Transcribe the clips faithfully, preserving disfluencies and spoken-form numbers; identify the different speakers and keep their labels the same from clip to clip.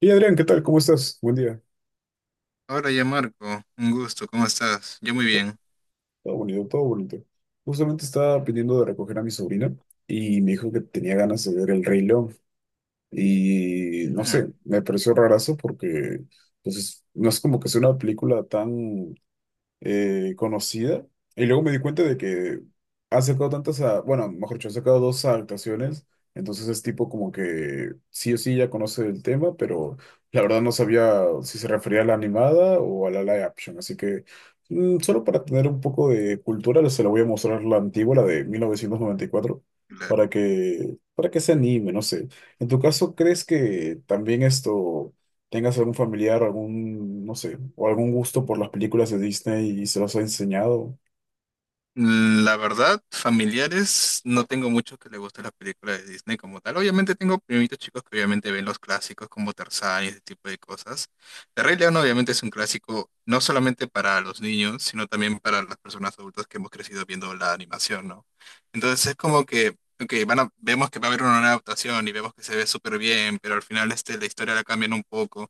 Speaker 1: Y Adrián, ¿qué tal? ¿Cómo estás? Buen día.
Speaker 2: Ahora ya Marco, un gusto, ¿cómo estás? Yo muy
Speaker 1: To-
Speaker 2: bien.
Speaker 1: Todo bonito, todo bonito. Justamente estaba pidiendo de recoger a mi sobrina y me dijo que tenía ganas de ver El Rey León. Y no
Speaker 2: Mm,
Speaker 1: sé, me pareció rarazo porque pues, es- no es como que sea una película tan eh, conocida. Y luego me di cuenta de que ha sacado tantas, a- bueno, mejor dicho, ha sacado dos adaptaciones. Entonces es tipo como que sí o sí ya conoce el tema, pero la verdad no sabía si se refería a la animada o a la live action. Así que mm, solo para tener un poco de cultura, se la voy a mostrar la antigua, la de mil novecientos noventa y cuatro
Speaker 2: claro.
Speaker 1: para que, para que se anime, no sé. En tu caso, ¿crees que también esto tengas algún familiar, algún, no sé, o algún gusto por las películas de Disney y se los ha enseñado.
Speaker 2: La verdad, familiares, no tengo muchos que les gusten las películas de Disney como tal. Obviamente tengo primitos chicos que obviamente ven los clásicos como Tarzán y ese tipo de cosas. El Rey León obviamente es un clásico no solamente para los niños, sino también para las personas adultas que hemos crecido viendo la animación, ¿no? Entonces es como que, ok, van a- vemos que va a haber una nueva adaptación y vemos que se ve súper bien, pero al final este, la historia la cambian un poco.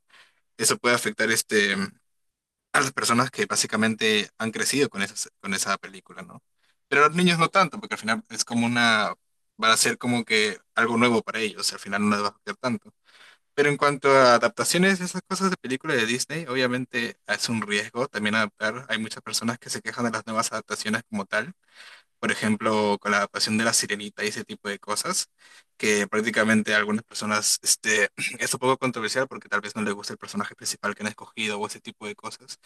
Speaker 2: Eso puede afectar este a las personas que básicamente han crecido con esas, con esa película, ¿no? Pero a los niños no tanto, porque al final es como una, va a ser como que algo nuevo para ellos, al final no les va a afectar tanto. Pero en cuanto a adaptaciones, esas cosas de películas de Disney, obviamente es un riesgo también adaptar. Hay muchas personas que se quejan de las nuevas adaptaciones como tal, por ejemplo, con la adaptación de La Sirenita y ese tipo de cosas, que prácticamente a algunas personas este, es un poco controversial porque tal vez no les gusta el personaje principal que han escogido o ese tipo de cosas.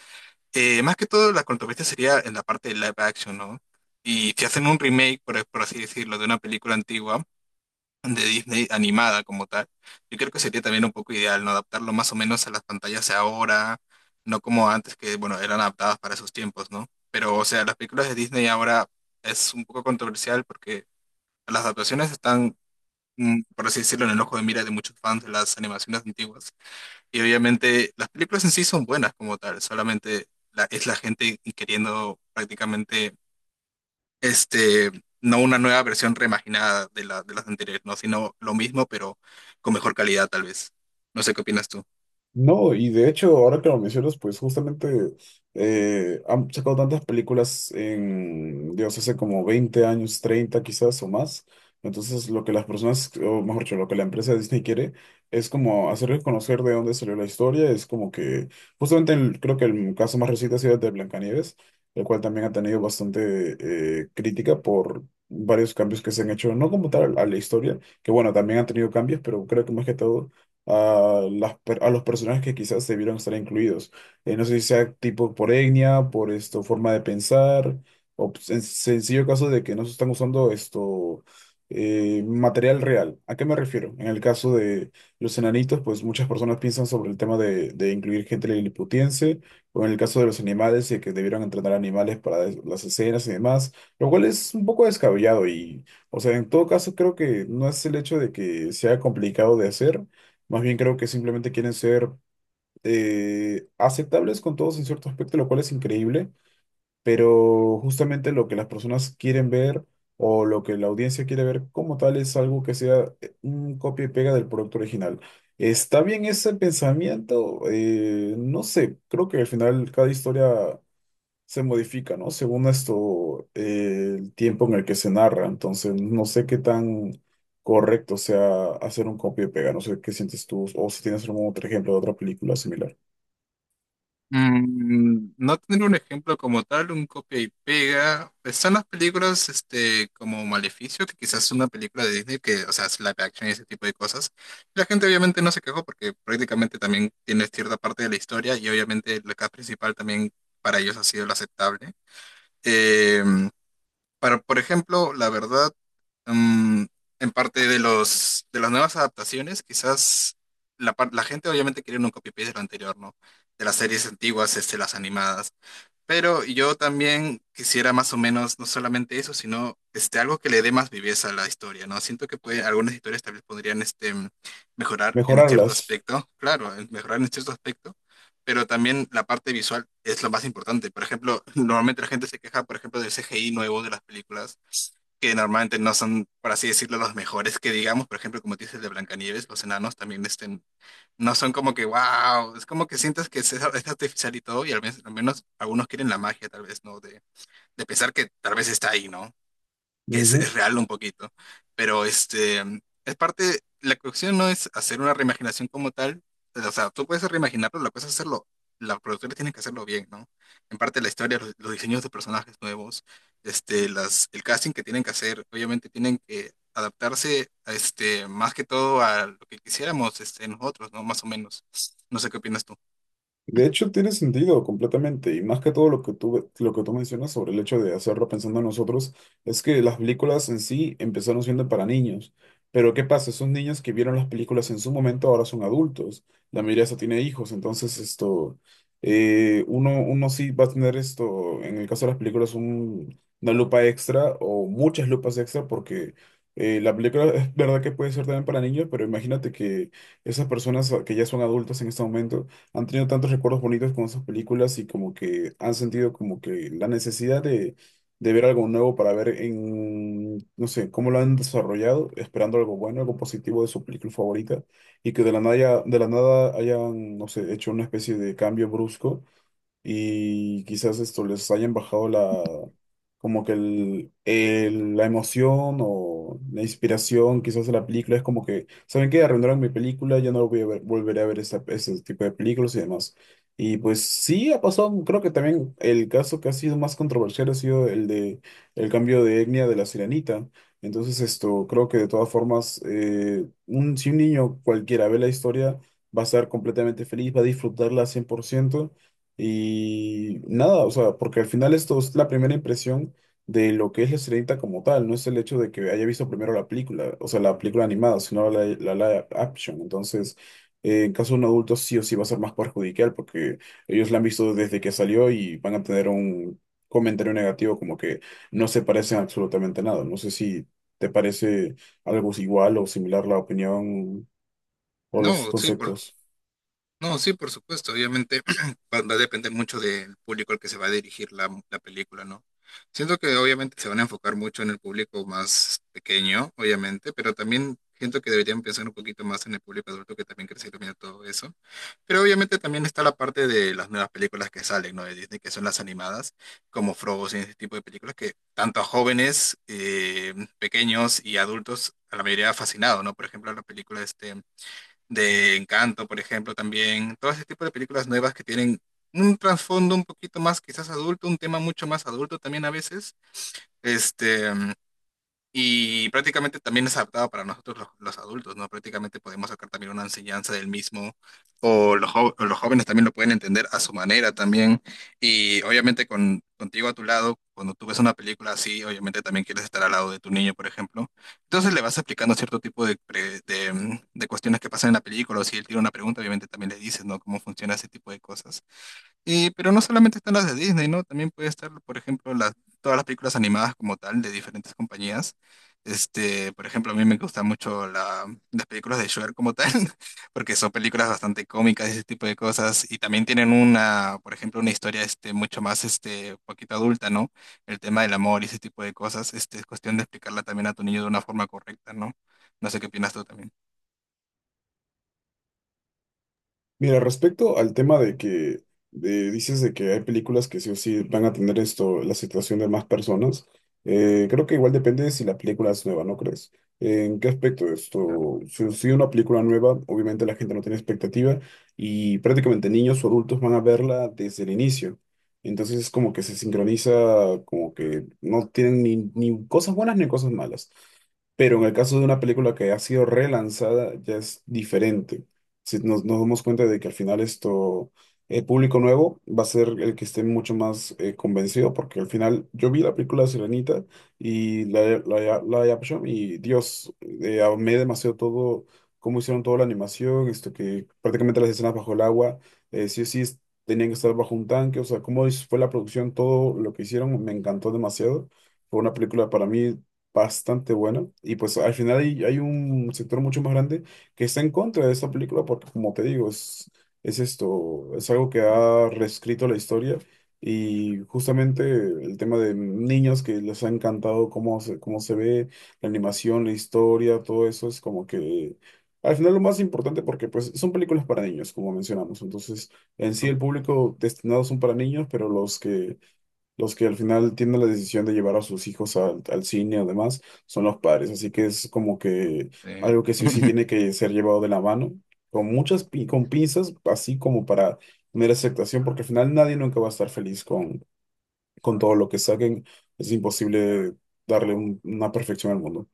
Speaker 2: Eh, más que todo, la controversia sería en la parte de live action, ¿no? Y si hacen un remake, por, por así decirlo, de una película antigua de Disney animada como tal, yo creo que sería también un poco ideal, ¿no? Adaptarlo más o menos a las pantallas de ahora, no como antes que, bueno, eran adaptadas para sus tiempos, ¿no? Pero, o sea, las películas de Disney ahora es un poco controversial porque las adaptaciones están, mm, por así decirlo, en el ojo de mira de muchos fans de las animaciones antiguas. Y obviamente las películas en sí son buenas como tal, solamente la- es la gente queriendo prácticamente, este, no una nueva versión reimaginada de la, de las anteriores, no, sino lo mismo, pero con mejor calidad tal vez. No sé qué opinas tú.
Speaker 1: No, y de hecho, ahora que lo mencionas, pues justamente eh, han sacado tantas películas en, Dios, hace como veinte años, treinta quizás o más. Entonces, lo que las personas, o mejor dicho, lo que la empresa de Disney quiere es como hacerles conocer de dónde salió la historia. Es como que, justamente el- creo que el caso más reciente ha sido el de Blancanieves, el cual también ha tenido bastante eh, crítica por varios cambios que se han hecho, no como tal a la historia, que bueno, también han tenido cambios, pero creo que más que todo a, las, per- a los personajes que quizás debieron estar incluidos. Eh, no sé si sea tipo por etnia, por esto, forma de pensar, o p- en sencillo caso de que no se están usando esto, eh, material real. ¿A qué me refiero? En el caso de los enanitos, pues muchas personas piensan sobre el tema de, de incluir gente liliputiense, o en el caso de los animales, y que debieron entrenar animales para es- las escenas y demás, lo cual es un poco descabellado y... O sea, en todo caso, creo que no es el hecho de que sea complicado de hacer, más bien creo que simplemente quieren ser eh, aceptables con todos en cierto aspecto, lo cual es increíble, pero justamente lo que las personas quieren ver o lo que la audiencia quiere ver como tal es algo que sea eh, un copia y pega del producto original. ¿Está bien ese pensamiento? Eh, no sé, creo que al final cada historia se modifica, ¿no? Según esto, eh, el tiempo en el que se narra. Entonces, no sé qué tan correcto sea hacer un copia y pega. No sé qué sientes tú o si tienes algún otro ejemplo de otra película similar.
Speaker 2: Mm, no tener un ejemplo como tal, un copia y pega. Están las películas este, como Maleficio, que quizás es una película de Disney que, o sea, es live action y ese tipo de cosas. La gente obviamente no se quejó porque prácticamente también tiene cierta parte de la historia y obviamente la cast principal también para ellos ha sido la aceptable. Em, pero, por ejemplo, la verdad, mm, en parte de los de las nuevas adaptaciones, quizás la, par- la gente obviamente quería un copy-paste de lo anterior, ¿no? De las series antiguas, este, las animadas. Pero yo también quisiera más o menos, no solamente eso, sino este, algo que le dé más viveza a la historia, ¿no? Siento que puede, algunas historias tal vez podrían este, mejorar en cierto
Speaker 1: Mejorarlas.
Speaker 2: aspecto, claro, en- mejorar en cierto aspecto, pero también la parte visual es lo más importante. Por ejemplo, normalmente la gente se queja, por ejemplo, del C G I nuevo de las películas, que normalmente no son, por así decirlo, los mejores que digamos, por ejemplo, como dices de Blancanieves, los enanos también este, no son como que, wow, es como que sientes que es, es artificial y todo, y al menos, al menos algunos quieren la magia, tal vez, ¿no? De, de pensar que tal vez está ahí, ¿no? Que es, es real un poquito. Pero este, es parte, la cuestión no es hacer una reimaginación como tal, o sea, tú puedes reimaginarlo, la cosa es hacerlo, los productores tienen que hacerlo bien, ¿no? En parte la historia, los, los diseños de personajes nuevos, este, las, el casting que tienen que hacer, obviamente tienen que adaptarse a este, más que todo a lo que quisiéramos este, nosotros, ¿no? Más o menos. No sé qué opinas tú.
Speaker 1: De hecho, tiene sentido completamente, y más que todo lo que tú, lo que tú mencionas sobre el hecho de hacerlo pensando en nosotros, es que las películas en sí empezaron siendo para niños, pero ¿qué pasa? Esos niños que vieron las películas en su momento ahora son adultos, la mayoría ya tiene hijos, entonces esto, eh, uno, uno sí va a tener esto, en el caso de las películas, un- una lupa extra o muchas lupas extra porque... eh, la película es verdad que puede ser también para niños, pero imagínate que esas personas que ya son adultas en este momento han tenido tantos recuerdos bonitos con esas películas y como que han sentido como que la necesidad de, de ver algo nuevo para ver en, no sé, cómo lo han desarrollado, esperando algo bueno, algo positivo de su película favorita y que de la nada, de la nada hayan, no sé, hecho una especie de cambio brusco y quizás esto les hayan bajado la, como que el, el- la emoción o la inspiración quizás de la película, es como que, ¿saben qué? Arruinaron mi película, ya no voy a ver- volveré a ver esa- ese tipo de películas y demás. Y pues sí, ha pasado, creo que también el caso que ha sido más controversial ha sido el de el cambio de etnia de la sirenita. Entonces esto, creo que de todas formas, eh, un, si un niño cualquiera ve la historia, va a estar completamente feliz, va a disfrutarla al cien por ciento y nada, o sea, porque al final esto es la primera impresión de lo que es la Sirenita como tal, no es el hecho de que haya visto primero la película, o sea, la película animada, sino la, la live action. Entonces, eh, en caso de un adulto sí o sí va a ser más perjudicial porque ellos la han visto desde que salió y van a tener un comentario negativo como que no se parecen absolutamente nada. No sé si te parece algo igual o similar la opinión o los
Speaker 2: No, sí, por,
Speaker 1: conceptos.
Speaker 2: No, sí, por supuesto. Obviamente va, va a depender mucho del público al que se va a dirigir la, la película, ¿no? Siento que obviamente se van a enfocar mucho en el público más pequeño, obviamente, pero también siento que deberían pensar un poquito más en el público adulto que también crece viendo todo eso. Pero obviamente también está la parte de las nuevas películas que salen, ¿no? De Disney, que son las animadas, como Frozen, ese tipo de películas que tanto a jóvenes, eh, pequeños y adultos, a la mayoría ha fascinado, ¿no? Por ejemplo, la película este de Encanto, por ejemplo, también, todo ese tipo de películas nuevas que tienen un trasfondo un poquito más quizás adulto, un tema mucho más adulto también a veces, este, y prácticamente también es adaptado para nosotros los, los adultos, ¿no? Prácticamente podemos sacar también una enseñanza del mismo, o los, jo- o los jóvenes también lo pueden entender a su manera también. Y obviamente con, contigo a tu lado, cuando tú ves una película así, obviamente también quieres estar al lado de tu niño, por ejemplo. Entonces le vas explicando cierto tipo de, pre- de, mm, de cuestiones que pasan en la película, o si él tiene una pregunta, obviamente también le dices, ¿no? Cómo funciona ese tipo de cosas. Y, pero no solamente están las de Disney, ¿no? También puede estar, por ejemplo, las, todas las películas animadas como tal de diferentes compañías. Este, por ejemplo, a mí me gustan mucho la- las películas de Shrek como tal, porque son películas bastante cómicas y ese tipo de cosas. Y también tienen una, por ejemplo, una historia este, mucho más este, poquito adulta, ¿no? El tema del amor y ese tipo de cosas. Este, es cuestión de explicarla también a tu niño de una forma correcta, ¿no? No sé qué opinas tú también.
Speaker 1: Mira, respecto al tema de que de- dices de que hay películas que sí o sí van a tener esto, la situación de más personas, eh, creo que igual depende de si la película es nueva, ¿no crees? ¿En qué aspecto
Speaker 2: Claro,
Speaker 1: esto? Si, si una película nueva, obviamente la gente no tiene expectativa y prácticamente niños o adultos van a verla desde el inicio. Entonces es como que se sincroniza, como que no tienen ni, ni cosas buenas ni cosas malas. Pero en el caso de una película que ha sido relanzada, ya es diferente si nos, nos damos cuenta de que al final esto, el público nuevo va a ser el que esté mucho más eh, convencido, porque al final yo vi la película de Sirenita y la, la, la live action y Dios, eh, amé demasiado todo, cómo hicieron toda la animación, esto que prácticamente las escenas bajo el agua, eh, sí o sí es- tenían que estar bajo un tanque, o sea, cómo es- fue la producción, todo lo que hicieron, me encantó demasiado. Fue una película para mí bastante buena y pues al final hay, hay un sector mucho más grande que está en contra de esta película porque, como te digo, es, es esto, es algo que ha reescrito la historia y justamente el tema de niños que les ha encantado cómo se, cómo se ve, la animación, la historia, todo eso es como que... Al final lo más importante porque pues son películas para niños, como mencionamos. Entonces, en sí
Speaker 2: pero,
Speaker 1: el público destinado son para niños, pero los que los que al final tienen la decisión de llevar a sus hijos al, al cine además son los padres, así que es como que
Speaker 2: eh,
Speaker 1: algo que sí o sí tiene que ser llevado de la mano, con muchas pi- con pinzas, así como para tener aceptación, porque al final nadie nunca va a estar feliz con, con todo lo que saquen, es imposible darle un- una perfección al mundo.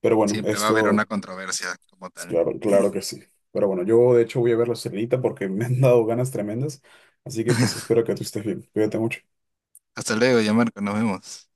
Speaker 1: Pero bueno,
Speaker 2: siempre va a haber una
Speaker 1: esto,
Speaker 2: controversia como
Speaker 1: es
Speaker 2: tal.
Speaker 1: claro, claro que sí. Pero bueno, yo de hecho voy a ver la celita porque me han dado ganas tremendas, así que pues espero que tú estés bien, cuídate mucho.
Speaker 2: Hasta luego, ya Marco, nos vemos.